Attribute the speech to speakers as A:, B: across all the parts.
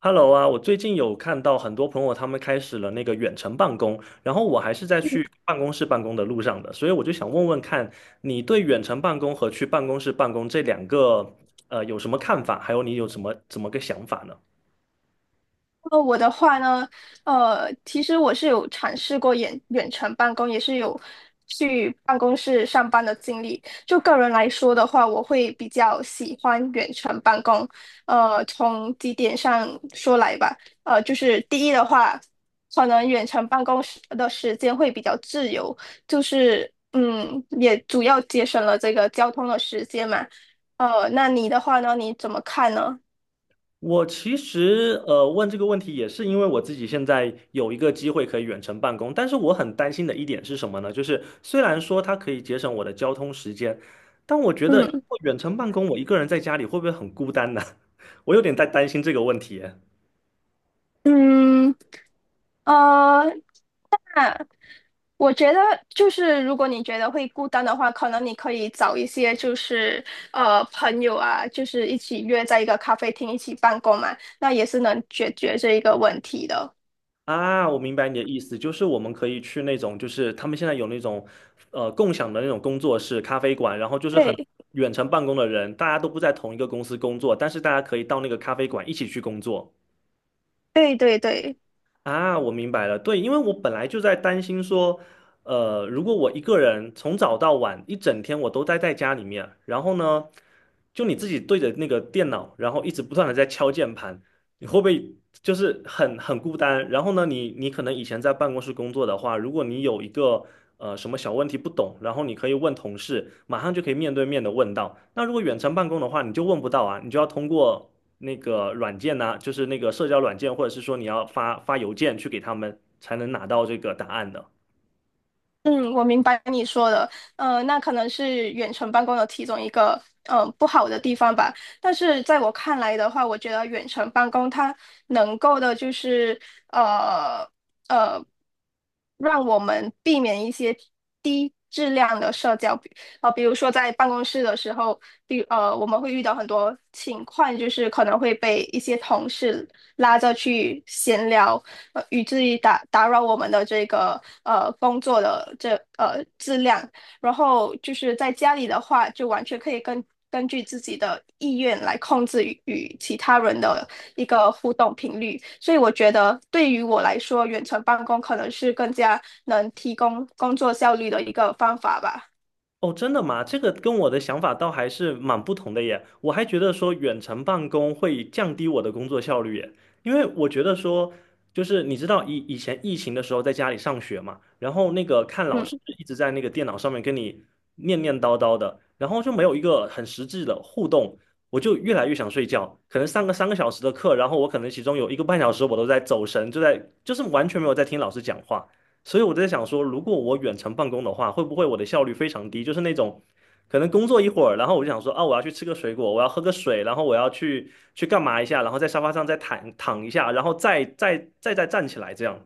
A: Hello 啊，我最近有看到很多朋友他们开始了那个远程办公，然后我还是在去办公室办公的路上的，所以我就想问问看，你对远程办公和去办公室办公这两个有什么看法，还有你有什么怎么个想法呢？
B: 我的话呢，其实我是有尝试过远程办公，也是有去办公室上班的经历。就个人来说的话，我会比较喜欢远程办公。从几点上说来吧，就是第一的话，可能远程办公时的时间会比较自由，就是也主要节省了这个交通的时间嘛。那你的话呢，你怎么看呢？
A: 我其实问这个问题也是因为我自己现在有一个机会可以远程办公，但是我很担心的一点是什么呢？就是虽然说它可以节省我的交通时间，但我觉得如
B: 嗯。
A: 果远程办公我一个人在家里会不会很孤单呢？我有点在担心这个问题耶。
B: 嗯，呃，我觉得就是，如果你觉得会孤单的话，可能你可以找一些就是朋友啊，就是一起约在一个咖啡厅一起办公嘛，那也是能解决这一个问题的。
A: 啊，我明白你的意思，就是我们可以去那种，就是他们现在有那种，共享的那种工作室、咖啡馆，然后就是很
B: 对，
A: 远程办公的人，大家都不在同一个公司工作，但是大家可以到那个咖啡馆一起去工作。
B: 对对对。
A: 啊，我明白了。对，因为我本来就在担心说，如果我一个人从早到晚一整天我都待在家里面，然后呢，就你自己对着那个电脑，然后一直不断的在敲键盘，你会不会就是很孤单？然后呢，你可能以前在办公室工作的话，如果你有一个什么小问题不懂，然后你可以问同事，马上就可以面对面的问到。那如果远程办公的话，你就问不到啊，你就要通过那个软件呢、就是那个社交软件，或者是说你要发邮件去给他们，才能拿到这个答案的。
B: 嗯，我明白你说的，那可能是远程办公的其中一个，不好的地方吧。但是在我看来的话，我觉得远程办公它能够的就是，呃呃，让我们避免一些低质量的社交，比如说在办公室的时候，我们会遇到很多情况，就是可能会被一些同事拉着去闲聊，以至于打扰我们的这个工作的这质量。然后就是在家里的话，就完全可以根据自己的意愿来控制与其他人的一个互动频率。所以我觉得对于我来说，远程办公可能是更加能提供工作效率的一个方法吧。
A: 哦，真的吗？这个跟我的想法倒还是蛮不同的耶。我还觉得说远程办公会降低我的工作效率耶，因为我觉得说，就是你知道以前疫情的时候在家里上学嘛，然后那个看老师
B: 嗯。
A: 一直在那个电脑上面跟你念念叨叨的，然后就没有一个很实质的互动，我就越来越想睡觉。可能上个3个小时的课，然后我可能其中有1个半小时我都在走神，就是完全没有在听老师讲话。所以我在想说，如果我远程办公的话，会不会我的效率非常低？就是那种可能工作一会儿，然后我就想说，啊，我要去吃个水果，我要喝个水，然后我要去干嘛一下，然后在沙发上再躺躺一下，然后再站起来这样。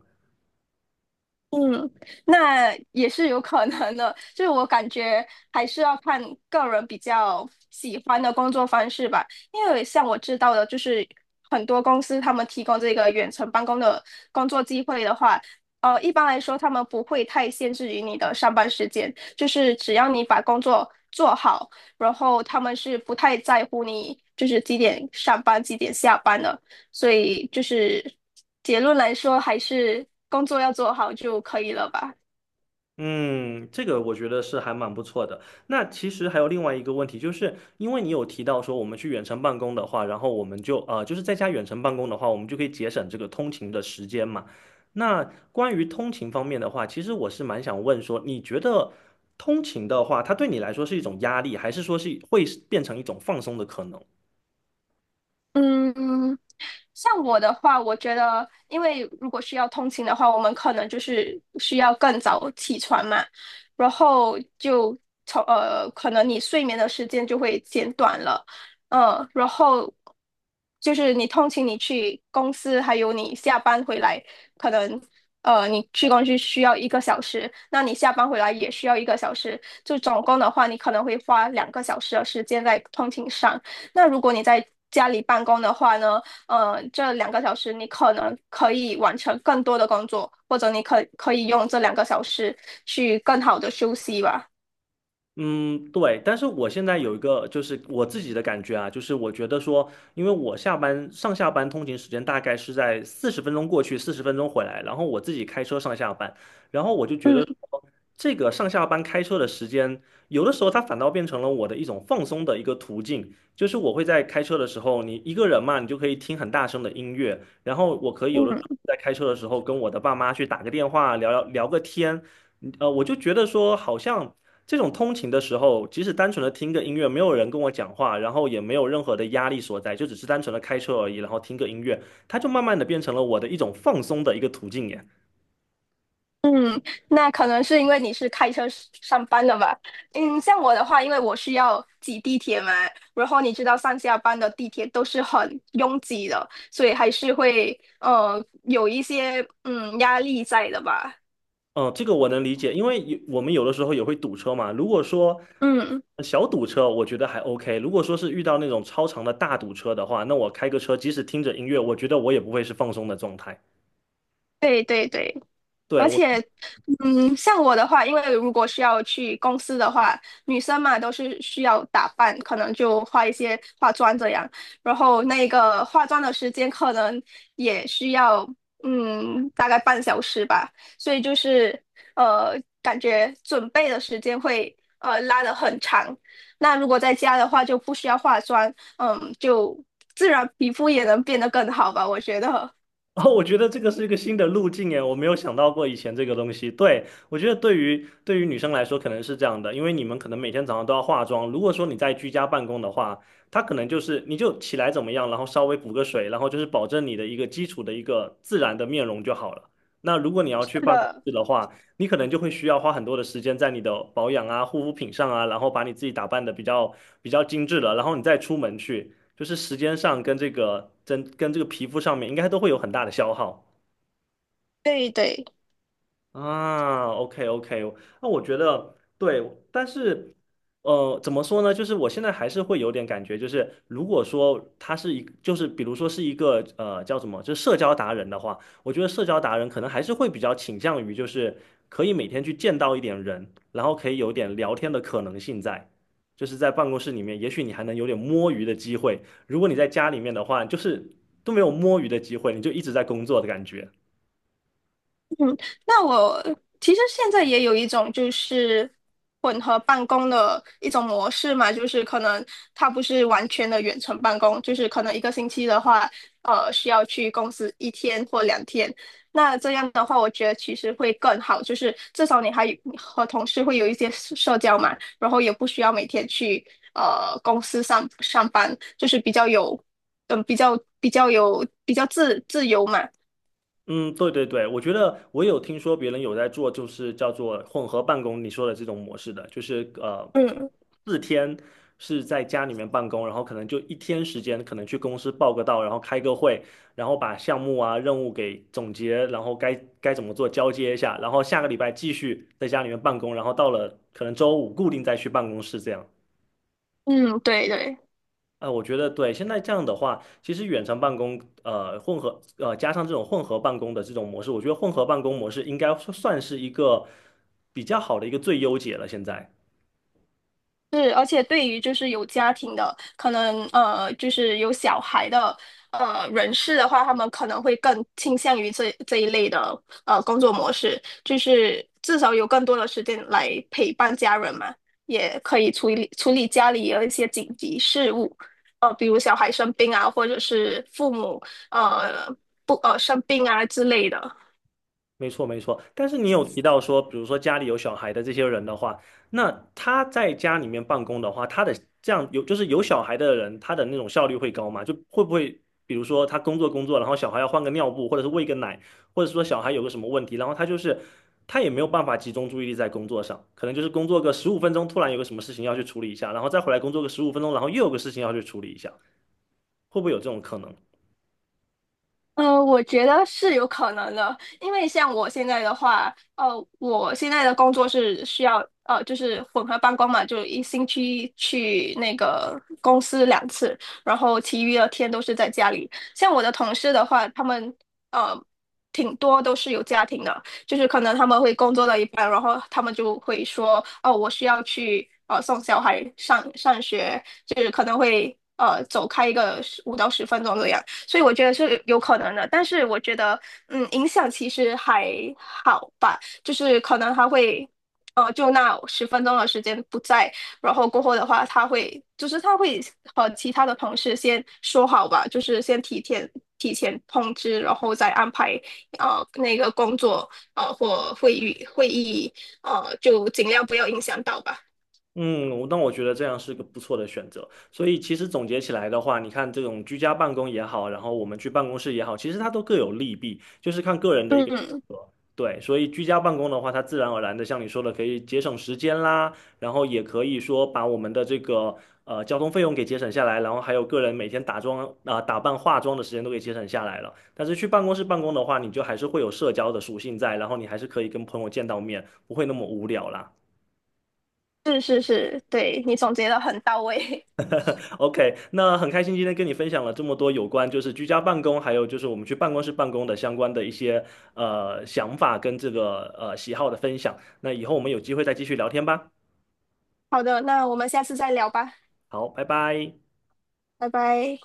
B: 嗯，那也是有可能的，就是我感觉还是要看个人比较喜欢的工作方式吧。因为像我知道的，就是很多公司他们提供这个远程办公的工作机会的话，一般来说他们不会太限制于你的上班时间，就是只要你把工作做好，然后他们是不太在乎你就是几点上班、几点下班的。所以就是结论来说，还是工作要做好就可以了吧。
A: 嗯，这个我觉得是还蛮不错的。那其实还有另外一个问题，就是因为你有提到说我们去远程办公的话，然后我们就是在家远程办公的话，我们就可以节省这个通勤的时间嘛。那关于通勤方面的话，其实我是蛮想问说，你觉得通勤的话，它对你来说是一种压力，还是说是会是变成一种放松的可能？
B: 嗯，像我的话，我觉得，因为如果是要通勤的话，我们可能就是需要更早起床嘛，然后就可能你睡眠的时间就会减短了，嗯，然后就是你通勤，你去公司，还有你下班回来，可能你去公司需要一个小时，那你下班回来也需要一个小时，就总共的话，你可能会花两个小时的时间在通勤上。那如果你在家里办公的话呢？这两个小时你可能可以完成更多的工作，或者你可以用这两个小时去更好的休息吧。
A: 嗯，对，但是我现在有一个就是我自己的感觉啊，就是我觉得说，因为我上下班通勤时间大概是在四十分钟过去，四十分钟回来，然后我自己开车上下班，然后我就觉得
B: 嗯
A: 说这个上下班开车的时间，有的时候它反倒变成了我的一种放松的一个途径，就是我会在开车的时候，你一个人嘛，你就可以听很大声的音乐，然后我可以有的时候
B: 嗯
A: 在开车的时候跟我的爸妈去打个电话，聊个天。我就觉得说，好像这种通勤的时候，即使单纯的听个音乐，没有人跟我讲话，然后也没有任何的压力所在，就只是单纯的开车而已，然后听个音乐，它就慢慢的变成了我的一种放松的一个途径耶。
B: 嗯，那可能是因为你是开车上班的吧？嗯，像我的话，因为我需要挤地铁嘛，然后你知道上下班的地铁都是很拥挤的，所以还是会有一些压力在的吧。
A: 嗯，这个我能理解，因为我们有的时候也会堵车嘛。如果说
B: 嗯，
A: 小堵车，我觉得还 OK；如果说是遇到那种超长的大堵车的话，那我开个车，即使听着音乐，我觉得我也不会是放松的状态。
B: 对对对，
A: 对，
B: 而
A: 我
B: 且像我的话，因为如果是要去公司的话，女生嘛都是需要打扮，可能就化一些化妆这样。然后那个化妆的时间可能也需要，嗯，大概半小时吧。所以就是感觉准备的时间会拉得很长。那如果在家的话，就不需要化妆，嗯，就自然皮肤也能变得更好吧，我觉得。
A: 哦，我觉得这个是一个新的路径耶，我没有想到过以前这个东西。对，我觉得对于女生来说可能是这样的，因为你们可能每天早上都要化妆。如果说你在居家办公的话，它可能就是你就起来怎么样，然后稍微补个水，然后就是保证你的一个基础的一个自然的面容就好了。那如果你 要去
B: 是
A: 办公
B: 的，
A: 室的话，你可能就会需要花很多的时间在你的保养啊、护肤品上啊，然后把你自己打扮的比较精致了，然后你再出门去。就是时间上跟这个皮肤上面应该都会有很大的消耗。
B: 对对。
A: 啊，OK OK，那我觉得对，但是怎么说呢？就是我现在还是会有点感觉，就是如果说他是一，就是比如说是一个叫什么，就是社交达人的话，我觉得社交达人可能还是会比较倾向于就是可以每天去见到一点人，然后可以有点聊天的可能性在，就是在办公室里面，也许你还能有点摸鱼的机会。如果你在家里面的话，就是都没有摸鱼的机会，你就一直在工作的感觉。
B: 那我其实现在也有一种就是混合办公的一种模式嘛，就是可能它不是完全的远程办公，就是可能1个星期的话，需要去公司1天或2天。那这样的话，我觉得其实会更好，就是至少你还有和同事会有一些社交嘛，然后也不需要每天去公司上班，就是比较有，比较有比较自由嘛，
A: 嗯，对对对，我觉得我有听说别人有在做，就是叫做混合办公，你说的这种模式的，就是
B: 嗯
A: 4天是在家里面办公，然后可能就一天时间，可能去公司报个到，然后开个会，然后把项目啊任务给总结，然后该怎么做交接一下，然后下个礼拜继续在家里面办公，然后到了可能周五固定再去办公室这样。
B: 嗯，对对。
A: 啊，我觉得对，现在这样的话，其实远程办公，加上这种混合办公的这种模式，我觉得混合办公模式应该算是一个比较好的一个最优解了。现在，
B: 是，而且对于就是有家庭的，可能就是有小孩的人士的话，他们可能会更倾向于这一类的工作模式，就是至少有更多的时间来陪伴家人嘛，也可以处理处理家里有一些紧急事务，比如小孩生病啊，或者是父母呃不生病啊之类的。
A: 没错，没错。但是你有提到说，比如说家里有小孩的这些人的话，那他在家里面办公的话，他的这样有就是有小孩的人，他的那种效率会高吗？就会不会，比如说他工作，然后小孩要换个尿布，或者是喂个奶，或者说小孩有个什么问题，然后他就是他也没有办法集中注意力在工作上，可能就是工作个十五分钟，突然有个什么事情要去处理一下，然后再回来工作个十五分钟，然后又有个事情要去处理一下，会不会有这种可能？
B: 我觉得是有可能的，因为像我现在的话，我现在的工作是需要就是混合办公嘛，就1星期去那个公司2次，然后其余的天都是在家里。像我的同事的话，他们呃挺多都是有家庭的，就是可能他们会工作到一半，然后他们就会说，哦，我需要去送小孩上学，就是可能会走开一个15到10分钟这样。所以我觉得是有可能的，但是我觉得，嗯，影响其实还好吧，就是可能他会，就那十分钟的时间不在，然后过后的话，他会，就是他会和其他的同事先说好吧，就是先提前通知，然后再安排，那个工作，或会议，就尽量不要影响到吧。
A: 嗯，我那我觉得这样是个不错的选择。所以其实总结起来的话，你看这种居家办公也好，然后我们去办公室也好，其实它都各有利弊，就是看个人的一个选
B: 嗯，
A: 择。对，所以居家办公的话，它自然而然的像你说的，可以节省时间啦，然后也可以说把我们的这个交通费用给节省下来，然后还有个人每天打扮化妆的时间都给节省下来了。但是去办公室办公的话，你就还是会有社交的属性在，然后你还是可以跟朋友见到面，不会那么无聊啦。
B: 是是是，对，你总结的很到位。
A: OK，那很开心今天跟你分享了这么多有关就是居家办公，还有就是我们去办公室办公的相关的一些想法跟喜好的分享。那以后我们有机会再继续聊天吧。
B: 好的，那我们下次再聊吧，
A: 好，拜拜。
B: 拜拜。